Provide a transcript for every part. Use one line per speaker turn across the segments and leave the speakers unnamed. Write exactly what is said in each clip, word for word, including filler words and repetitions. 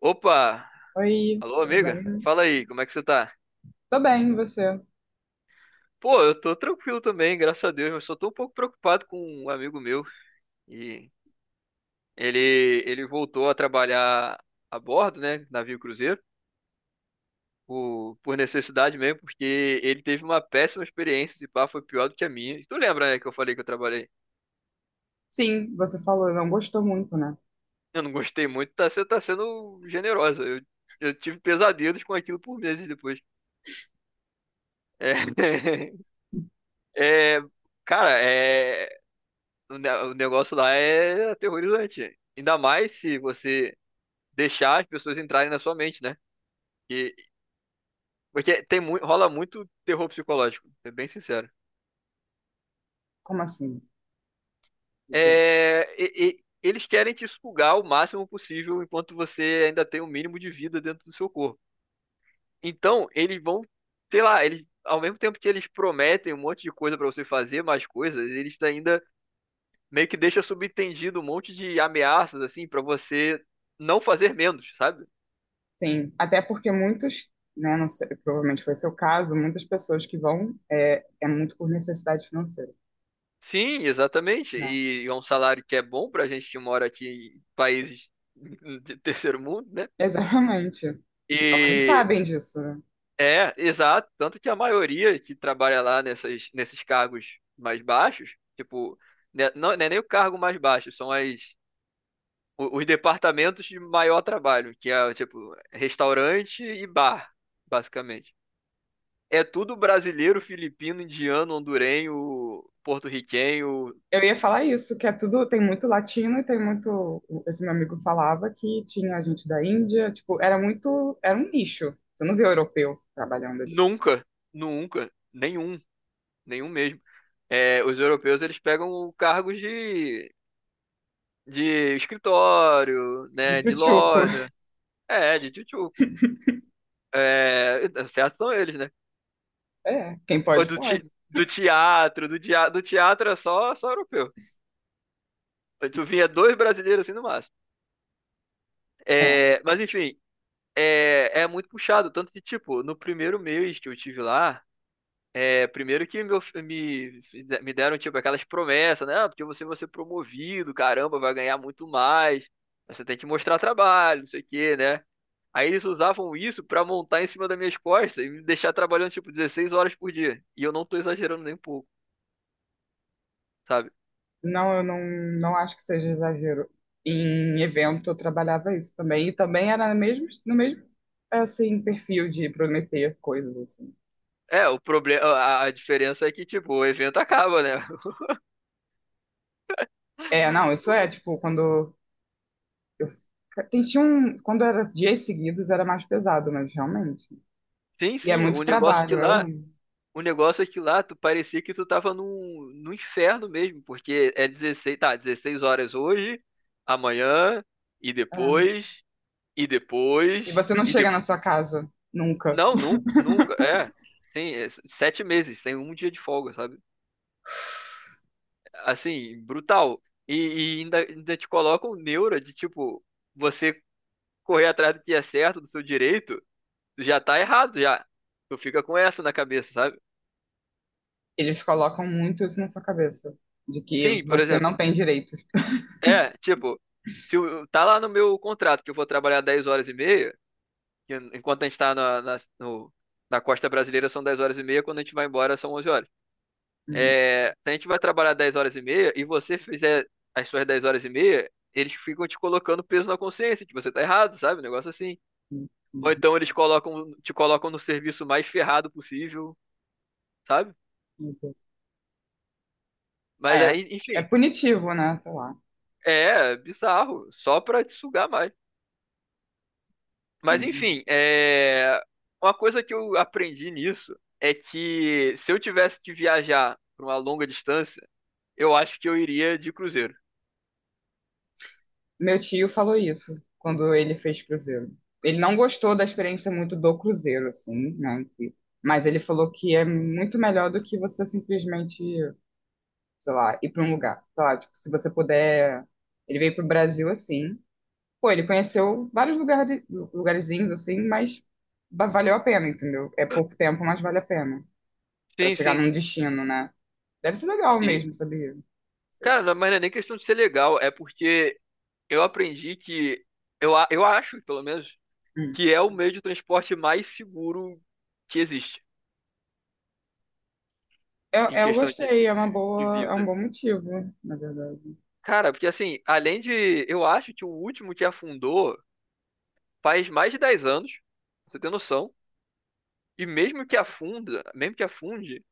Opa!
Oi,
Alô,
tudo
amiga?
bem?
Fala aí, como é que você tá?
Tô bem, e você?
Pô, eu tô tranquilo também, graças a Deus, mas só tô um pouco preocupado com um amigo meu. E ele, ele voltou a trabalhar a bordo, né? Navio cruzeiro, por, por necessidade mesmo, porque ele teve uma péssima experiência, esse pá, foi pior do que a minha. Tu lembra, né, que eu falei que eu trabalhei?
Sim, você falou, não gostou muito, né?
Eu não gostei muito, tá, você tá sendo generosa. Eu, eu tive pesadelos com aquilo por meses depois. É, é, cara, é. O ne- o negócio lá é aterrorizante. Ainda mais se você deixar as pessoas entrarem na sua mente, né? E, Porque tem muito, rola muito terror psicológico, é bem sincero.
Como assim? Deixa eu-
É, e- e- eles querem te sugar o máximo possível enquanto você ainda tem o mínimo de vida dentro do seu corpo. Então, eles vão, sei lá, eles, ao mesmo tempo que eles prometem um monte de coisa pra você fazer, mais coisas, eles ainda meio que deixam subentendido um monte de ameaças, assim, pra você não fazer menos, sabe?
Sim, até porque muitos, né, não sei, provavelmente foi seu caso, muitas pessoas que vão é, é muito por necessidade financeira,
Sim, exatamente.
né?
E é um salário que é bom para a gente que mora aqui em países de terceiro mundo, né?
Exatamente. Então, eles
E
sabem disso, né?
é, exato. Tanto que a maioria que trabalha lá nessas, nesses cargos mais baixos, tipo, né, não, não é nem o cargo mais baixo, são as, o- os departamentos de maior trabalho, que é, tipo, restaurante e bar, basicamente. É tudo brasileiro, filipino, indiano, hondurenho, porto-riquenho.
Eu ia falar isso, que é tudo, tem muito latino e tem muito, esse meu amigo falava que tinha gente da Índia, tipo, era muito, era um nicho. Você não vê europeu trabalhando ali.
Nunca, nunca, nenhum nenhum mesmo. É, os europeus eles pegam cargos de, de, escritório,
De
né, de
tchutchuco.
loja, é, de tchutchuco. É, certo são eles, né?
É, quem
Ou
pode,
do, te-
pode.
do teatro, do, dia- do teatro é só, só europeu. Tu vinha dois brasileiros assim no máximo.
É.
É, mas enfim, é, é muito puxado. Tanto que, tipo, no primeiro mês que eu estive lá, é, primeiro que meu- me, me deram, tipo, aquelas promessas, né? Ah, porque você vai ser promovido, caramba, vai ganhar muito mais. Mas você tem que mostrar trabalho, não sei o quê, né? Aí eles usavam isso pra montar em cima das minhas costas e me deixar trabalhando, tipo, dezesseis horas por dia. E eu não tô exagerando nem um pouco, sabe?
Não, eu não, Não acho que seja exagero. Em evento eu trabalhava isso também, e também era no mesmo, no mesmo assim, perfil de prometer coisas assim.
É, o problema, a, a diferença é que, tipo, o evento acaba, né?
É, não, isso é tipo quando eu tem- tinha um, quando era dias seguidos era mais pesado, mas realmente.
Sim,
E é
sim, o
muito
negócio que
trabalho, é
lá
horrível.
o negócio é que lá tu parecia que tu tava num, num inferno mesmo, porque é dezesseis tá, dezesseis horas hoje, amanhã, e
É.
depois, e
E
depois,
você não
e
chega
depois.
na sua casa nunca.
Não, nunca, nunca, é. Sim, é sete meses, tem um dia de folga, sabe? Assim, brutal. E, e ainda, ainda te colocam neura de tipo, você correr atrás do que é certo, do seu direito, tu já tá errado, já. Tu fica com essa na cabeça, sabe?
Eles colocam muito isso na sua cabeça, de que
Sim, por
você
exemplo,
não tem direitos.
é, tipo, se o- tá lá no meu contrato que eu vou trabalhar dez horas e meia, que enquanto a gente tá na, na, no- na costa brasileira são dez horas e meia, quando a gente vai embora são onze horas.
Uhum,
É, se a gente vai trabalhar dez horas e meia e você fizer as suas dez horas e meia, eles ficam te colocando peso na consciência, que você tá errado, sabe? Um negócio assim.
uhum,
Ou
uhum.
então eles colocam, te colocam no serviço mais ferrado possível, sabe?
Uhum.
Mas
É,
aí,
é
enfim,
punitivo, né? Sei lá.
é bizarro, só pra te sugar mais. Mas
Uhum.
enfim, é... uma coisa que eu aprendi nisso é que se eu tivesse que viajar para uma longa distância, eu acho que eu iria de cruzeiro.
Meu tio falou isso quando ele fez cruzeiro. Ele não gostou da experiência muito do cruzeiro, assim, né? Em si. Mas ele falou que é muito melhor do que você simplesmente, sei lá, ir para um lugar. Sei lá, tipo, se você puder. Ele veio pro Brasil assim. Pô, ele conheceu vários lugares, lugarzinhos assim, mas va- valeu a pena, entendeu? É pouco tempo, mas vale a pena para
Sim,
chegar
sim,
num destino, né? Deve ser legal
sim.
mesmo, sabia? Não sei.
Cara, não- mas não é nem questão de ser legal, é porque eu aprendi que, eu, a- eu acho, pelo menos,
Hum.
que é o meio de transporte mais seguro que existe
Eu,
em
eu
questão de,
gostei, é uma
de, de
boa, é um
vida.
bom motivo, na verdade.
Cara, porque assim, além de. Eu acho que o último que afundou faz mais de dez anos, pra você tem noção. E mesmo que afunda, mesmo que afunde,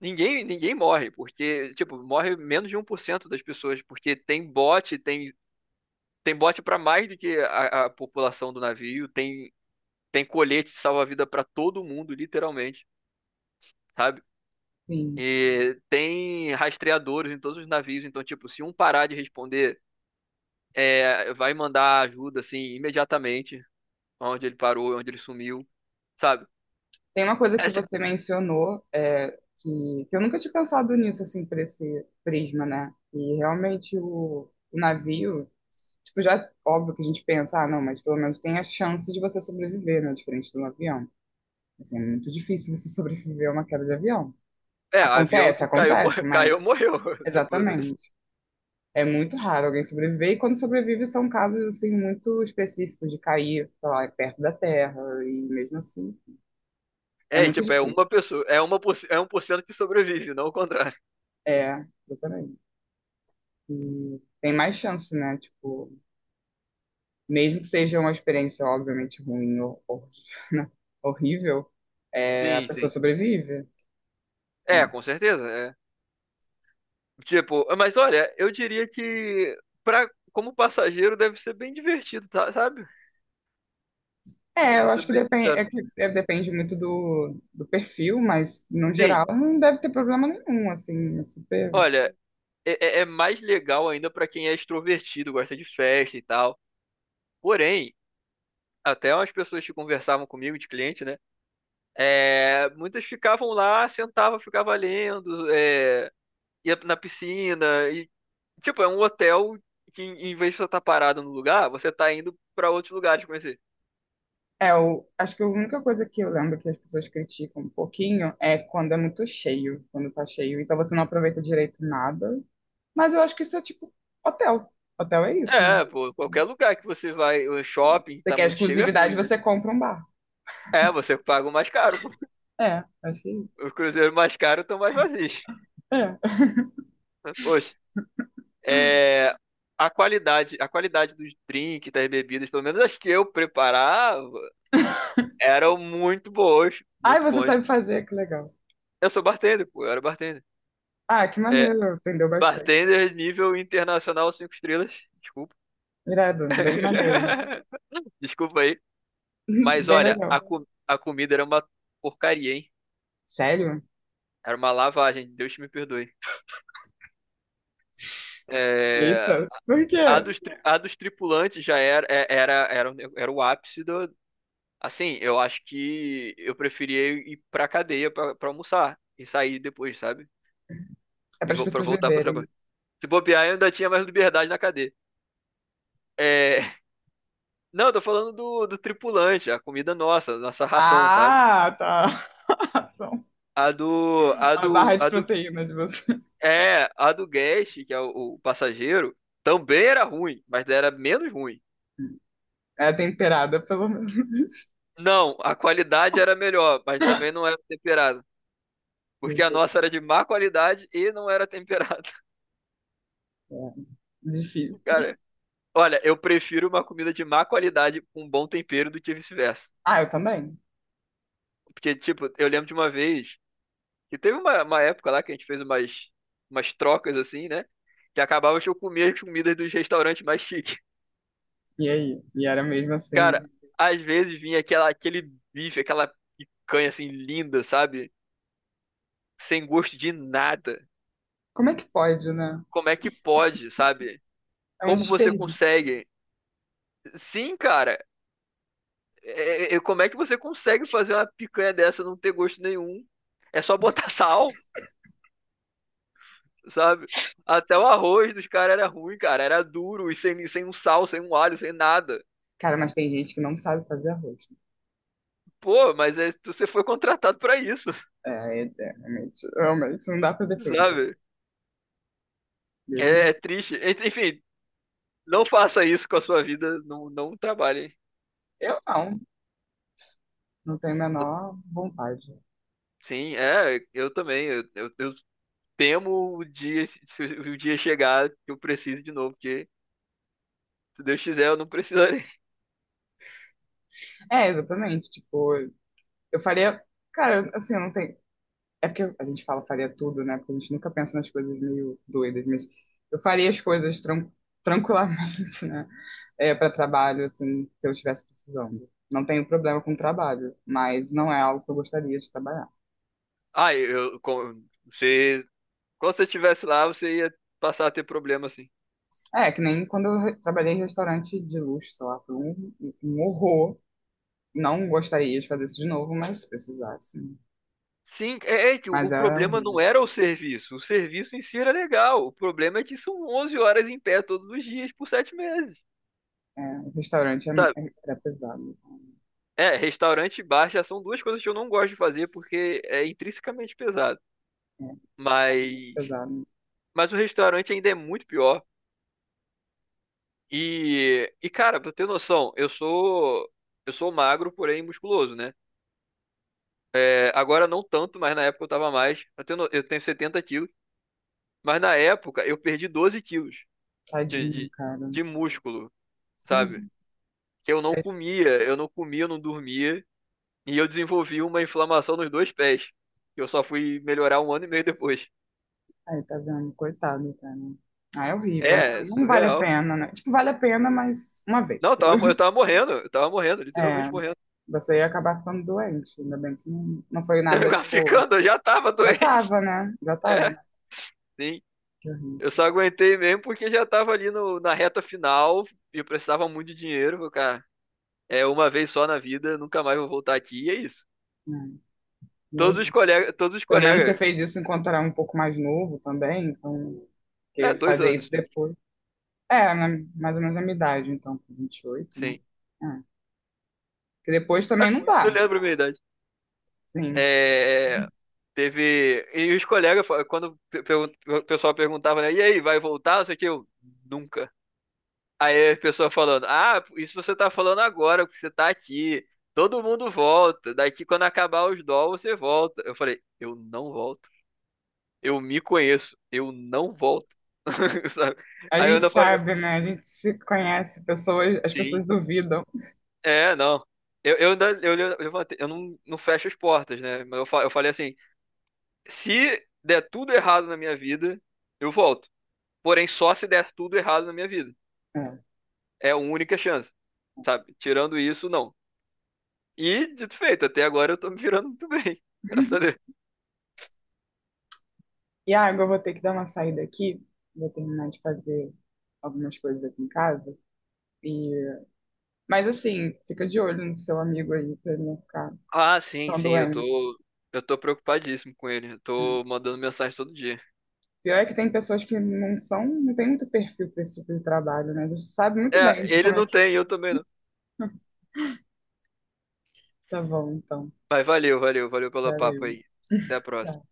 ninguém, ninguém morre, porque, tipo, morre menos de um por cento das pessoas, porque tem bote, tem, tem bote para mais do que a, a população do navio, tem, tem colete de salva-vida para todo mundo, literalmente, sabe?
Sim.
E tem rastreadores em todos os navios, então, tipo, se um parar de responder, é, vai mandar ajuda, assim, imediatamente, onde ele parou, onde ele sumiu, sabe?
Tem uma coisa
É,
que
se-
você mencionou, é, que, que eu nunca tinha pensado nisso, assim, por esse prisma, né? E realmente o, o navio, tipo, já óbvio que a gente pensa, ah, não, mas pelo menos tem a chance de você sobreviver, né? Diferente de um avião. Assim, é muito difícil você sobreviver a uma queda de avião.
é, avião,
Acontece,
tu caiu,
acontece,
morreu,
mas
caiu, morreu. Tipo,
exatamente. É muito raro alguém sobreviver, e quando sobrevive são casos, assim, muito específicos de cair, sei lá, perto da terra, e mesmo assim, é
é, e,
muito
tipo, é uma
difícil.
pessoa, é uma por, é um por cento que sobrevive, não o contrário.
É, exatamente. E tem mais chance, né? Tipo, mesmo que seja uma experiência obviamente ruim ou ou- horrível, é, a
Sim,
pessoa
sim.
sobrevive.
É,
Né?
com certeza, é. Tipo, mas olha, eu diria que para como passageiro deve ser bem divertido, tá, sabe?
É, eu
Pra ser
acho que
bem
depende,
sincero.
é que é, depende muito do, do perfil, mas no
Sim,
geral não deve ter problema nenhum, assim, é super.
olha, é, é- é mais legal ainda para quem é extrovertido, gosta de festa e tal. Porém, até umas pessoas que conversavam comigo, de cliente, né? É, muitas ficavam lá, sentavam, ficavam lendo, é, ia na piscina, e tipo, é um hotel que em em vez de você estar parado no lugar, você tá indo pra outros lugares conhecer.
É, eu acho que a única coisa que eu lembro que as pessoas criticam um pouquinho é quando é muito cheio, quando tá cheio, então você não aproveita direito nada. Mas eu acho que isso é tipo hotel. Hotel é isso, né?
É, pô, qualquer lugar que você vai, o shopping
Você
tá
quer
muito cheio é
exclusividade,
ruim, né?
você compra um bar.
É, você paga o mais caro, pô.
É, acho que.
Os cruzeiros mais caros estão mais vazios.
É.
Oxe, é, a qualidade, a qualidade, dos drinks, das bebidas, pelo menos as que eu preparava, eram muito boas,
Ai,
muito
você
bons.
sabe fazer, que legal.
Eu sou bartender, pô, eu era bartender.
Ah, que
É,
maneiro, aprendeu bastante.
bartender nível internacional cinco estrelas, desculpa.
Irado, bem maneiro.
Desculpa aí. Mas
Bem
olha,
legal.
a, co- a comida era uma porcaria, hein?
Sério?
Era uma lavagem, Deus me perdoe. É,
Eita, por
a
quê?
dos, tri- a dos tripulantes já era, é- era, era, o ne- era o ápice do. Assim, eu acho que eu preferia ir pra cadeia pra, pra almoçar e sair depois, sabe?
É
E
para as
vou, pra
pessoas
voltar pro
beberem.
trabalho. Se bobear, eu ainda tinha mais liberdade na cadeia. É, não, eu tô falando do, do tripulante, a comida nossa, nossa ração, sabe?
Ah, tá. Então,
A do, a
a barra
do,
de
a do
proteína de você
É, a do Guest, que é o, o passageiro, também era ruim, mas era menos ruim.
é temperada, pelo menos.
Não, a qualidade era melhor, mas também não era temperada.
Meu
Porque a nossa
Deus,
era de má qualidade e não era temperada.
é difícil.
Cara, olha, eu prefiro uma comida de má qualidade com um bom tempero do que vice-versa.
Ah, eu também.
Porque, tipo, eu lembro de uma vez que teve uma, uma época lá que a gente fez umas, umas trocas assim, né? Que acabava que eu comia as comidas dos restaurantes mais chiques.
E aí? E era mesmo assim.
Cara, às vezes vinha aquela, aquele bife, aquela picanha assim linda, sabe? Sem gosto de nada.
Como é que pode, né?
Como é que pode, sabe?
É um
Como você
desperdício.
consegue? Sim, cara. É- é- é, como é que você consegue fazer uma picanha dessa não ter gosto nenhum? É só botar sal, sabe? Até o arroz dos caras era ruim, cara. Era duro e sem, sem um sal, sem um alho, sem nada.
Cara, mas tem gente que não sabe fazer arroz.
Pô, mas é- você foi contratado pra isso,
É, é, realmente, realmente não dá pra defender.
sabe?
Deus
É,
me...
é triste. Ent- Enfim, não faça isso com a sua vida, não, não trabalhe.
Eu não, não tenho a
Eu-
menor vontade.
Sim, é, eu também. Eu, eu, eu temo o dia, se o dia chegar que eu preciso de novo, porque se Deus quiser, eu não precisarei.
É, exatamente, tipo, eu faria, cara, assim, eu não tenho, é porque a gente fala faria tudo, né? Porque a gente nunca pensa nas coisas meio doidas, mas eu faria as coisas tran tranquilamente, né? É, para trabalho, assim, se eu estivesse precisando. Não tenho problema com trabalho, mas não é algo que eu gostaria de trabalhar.
Ah, eu, com- você, quando você estivesse lá, você ia passar a ter problema, assim.
É, que nem quando eu re- trabalhei em restaurante de luxo, sei lá, foi um, um horror. Não gostaria de fazer isso de novo, mas se precisasse.
Sim, é, é que o,
Mas
o
é
problema não
horrível.
era o serviço. O serviço em si era legal. O problema é que são onze horas em pé todos os dias por sete meses.
É, o restaurante é,
Sabe?
é- era pesado.
É, restaurante e bar já são duas coisas que eu não gosto de fazer porque é intrinsecamente pesado.
É, é muito
Mas,
pesado.
mas o restaurante ainda é muito pior. E, e cara, pra ter noção, eu sou eu sou magro, porém musculoso, né? É, agora não tanto, mas na época eu tava mais. Eu tenho, no- eu tenho 70 quilos, mas na época eu perdi doze quilos de,
Tadinho,
de,
cara.
de músculo, sabe?
Sim.
Que eu não
É,
comia, eu não comia, eu não dormia, e eu desenvolvi uma inflamação nos dois pés, que eu só fui melhorar um ano e meio depois.
aí, tá vendo? Coitado, cara. Ah, é horrível, né?
É,
Não vale a
surreal.
pena, né? Tipo, vale a pena, mas uma vez.
Não, eu tava, eu tava morrendo, eu tava morrendo,
É,
literalmente morrendo.
você ia acabar ficando doente. Ainda bem que não, não foi nada,
Eu
tipo...
Ficando, eu já tava
Já
doente.
tava, né? Já tava,
É,
né?
sim.
Que horrível.
Eu só aguentei mesmo porque já tava ali no, na reta final e eu precisava muito de dinheiro, falei, cara. É uma vez só na vida, nunca mais vou voltar aqui, e é isso.
É, e é
Todos os
isso.
colegas, todos os
Pelo menos
colegas,
você fez isso enquanto era um pouco mais novo também, então,
é,
porque
dois
fazer
anos,
isso
tipo,
depois. É, né, mais ou menos a minha idade, então, com vinte e oito, né?
sim.
É. Que depois
Ah,
também não
tu
dá,
lembra a minha idade?
sim.
É, teve, e os colegas, fa- quando pe- pergun- o pessoal perguntava, né, e aí, vai voltar? Não sei o que, eu, nunca. Aí a pessoa falando, ah, isso você tá falando agora, porque você tá aqui. Todo mundo volta. Daqui quando acabar os dó, você volta. Eu falei, eu não volto. Eu me conheço. Eu não volto. Sabe?
A
Aí eu
gente
ainda falei,
sabe, né? A gente se conhece, pessoas, as
sim,
pessoas duvidam.
é, não. Eu, eu ainda eu, le- eu levantei, eu não, não fecho as portas, né? Mas eu, fa- eu falei assim, se der tudo errado na minha vida, eu volto. Porém, só se der tudo errado na minha vida.
É.
É a única chance, sabe? Tirando isso, não. E, dito e feito, até agora eu tô me virando muito bem. Graças a Deus.
E ah, agora eu vou ter que dar uma saída aqui, vou terminar de fazer algumas coisas aqui em casa. E... Mas assim, fica de olho no seu amigo aí pra ele não ficar
Ah, sim,
tão
sim, eu
doente.
tô. Eu tô preocupadíssimo com ele. Eu
Né.
tô mandando mensagem todo dia.
Pior é que tem pessoas que não são, não tem muito perfil para esse tipo de trabalho, né? Eles sabem muito
É,
bem
ele
como é
não
que
tem, eu também não.
tá bom, então.
Mas valeu, valeu, valeu pelo papo
Valeu.
aí. Até a
Tchau.
próxima.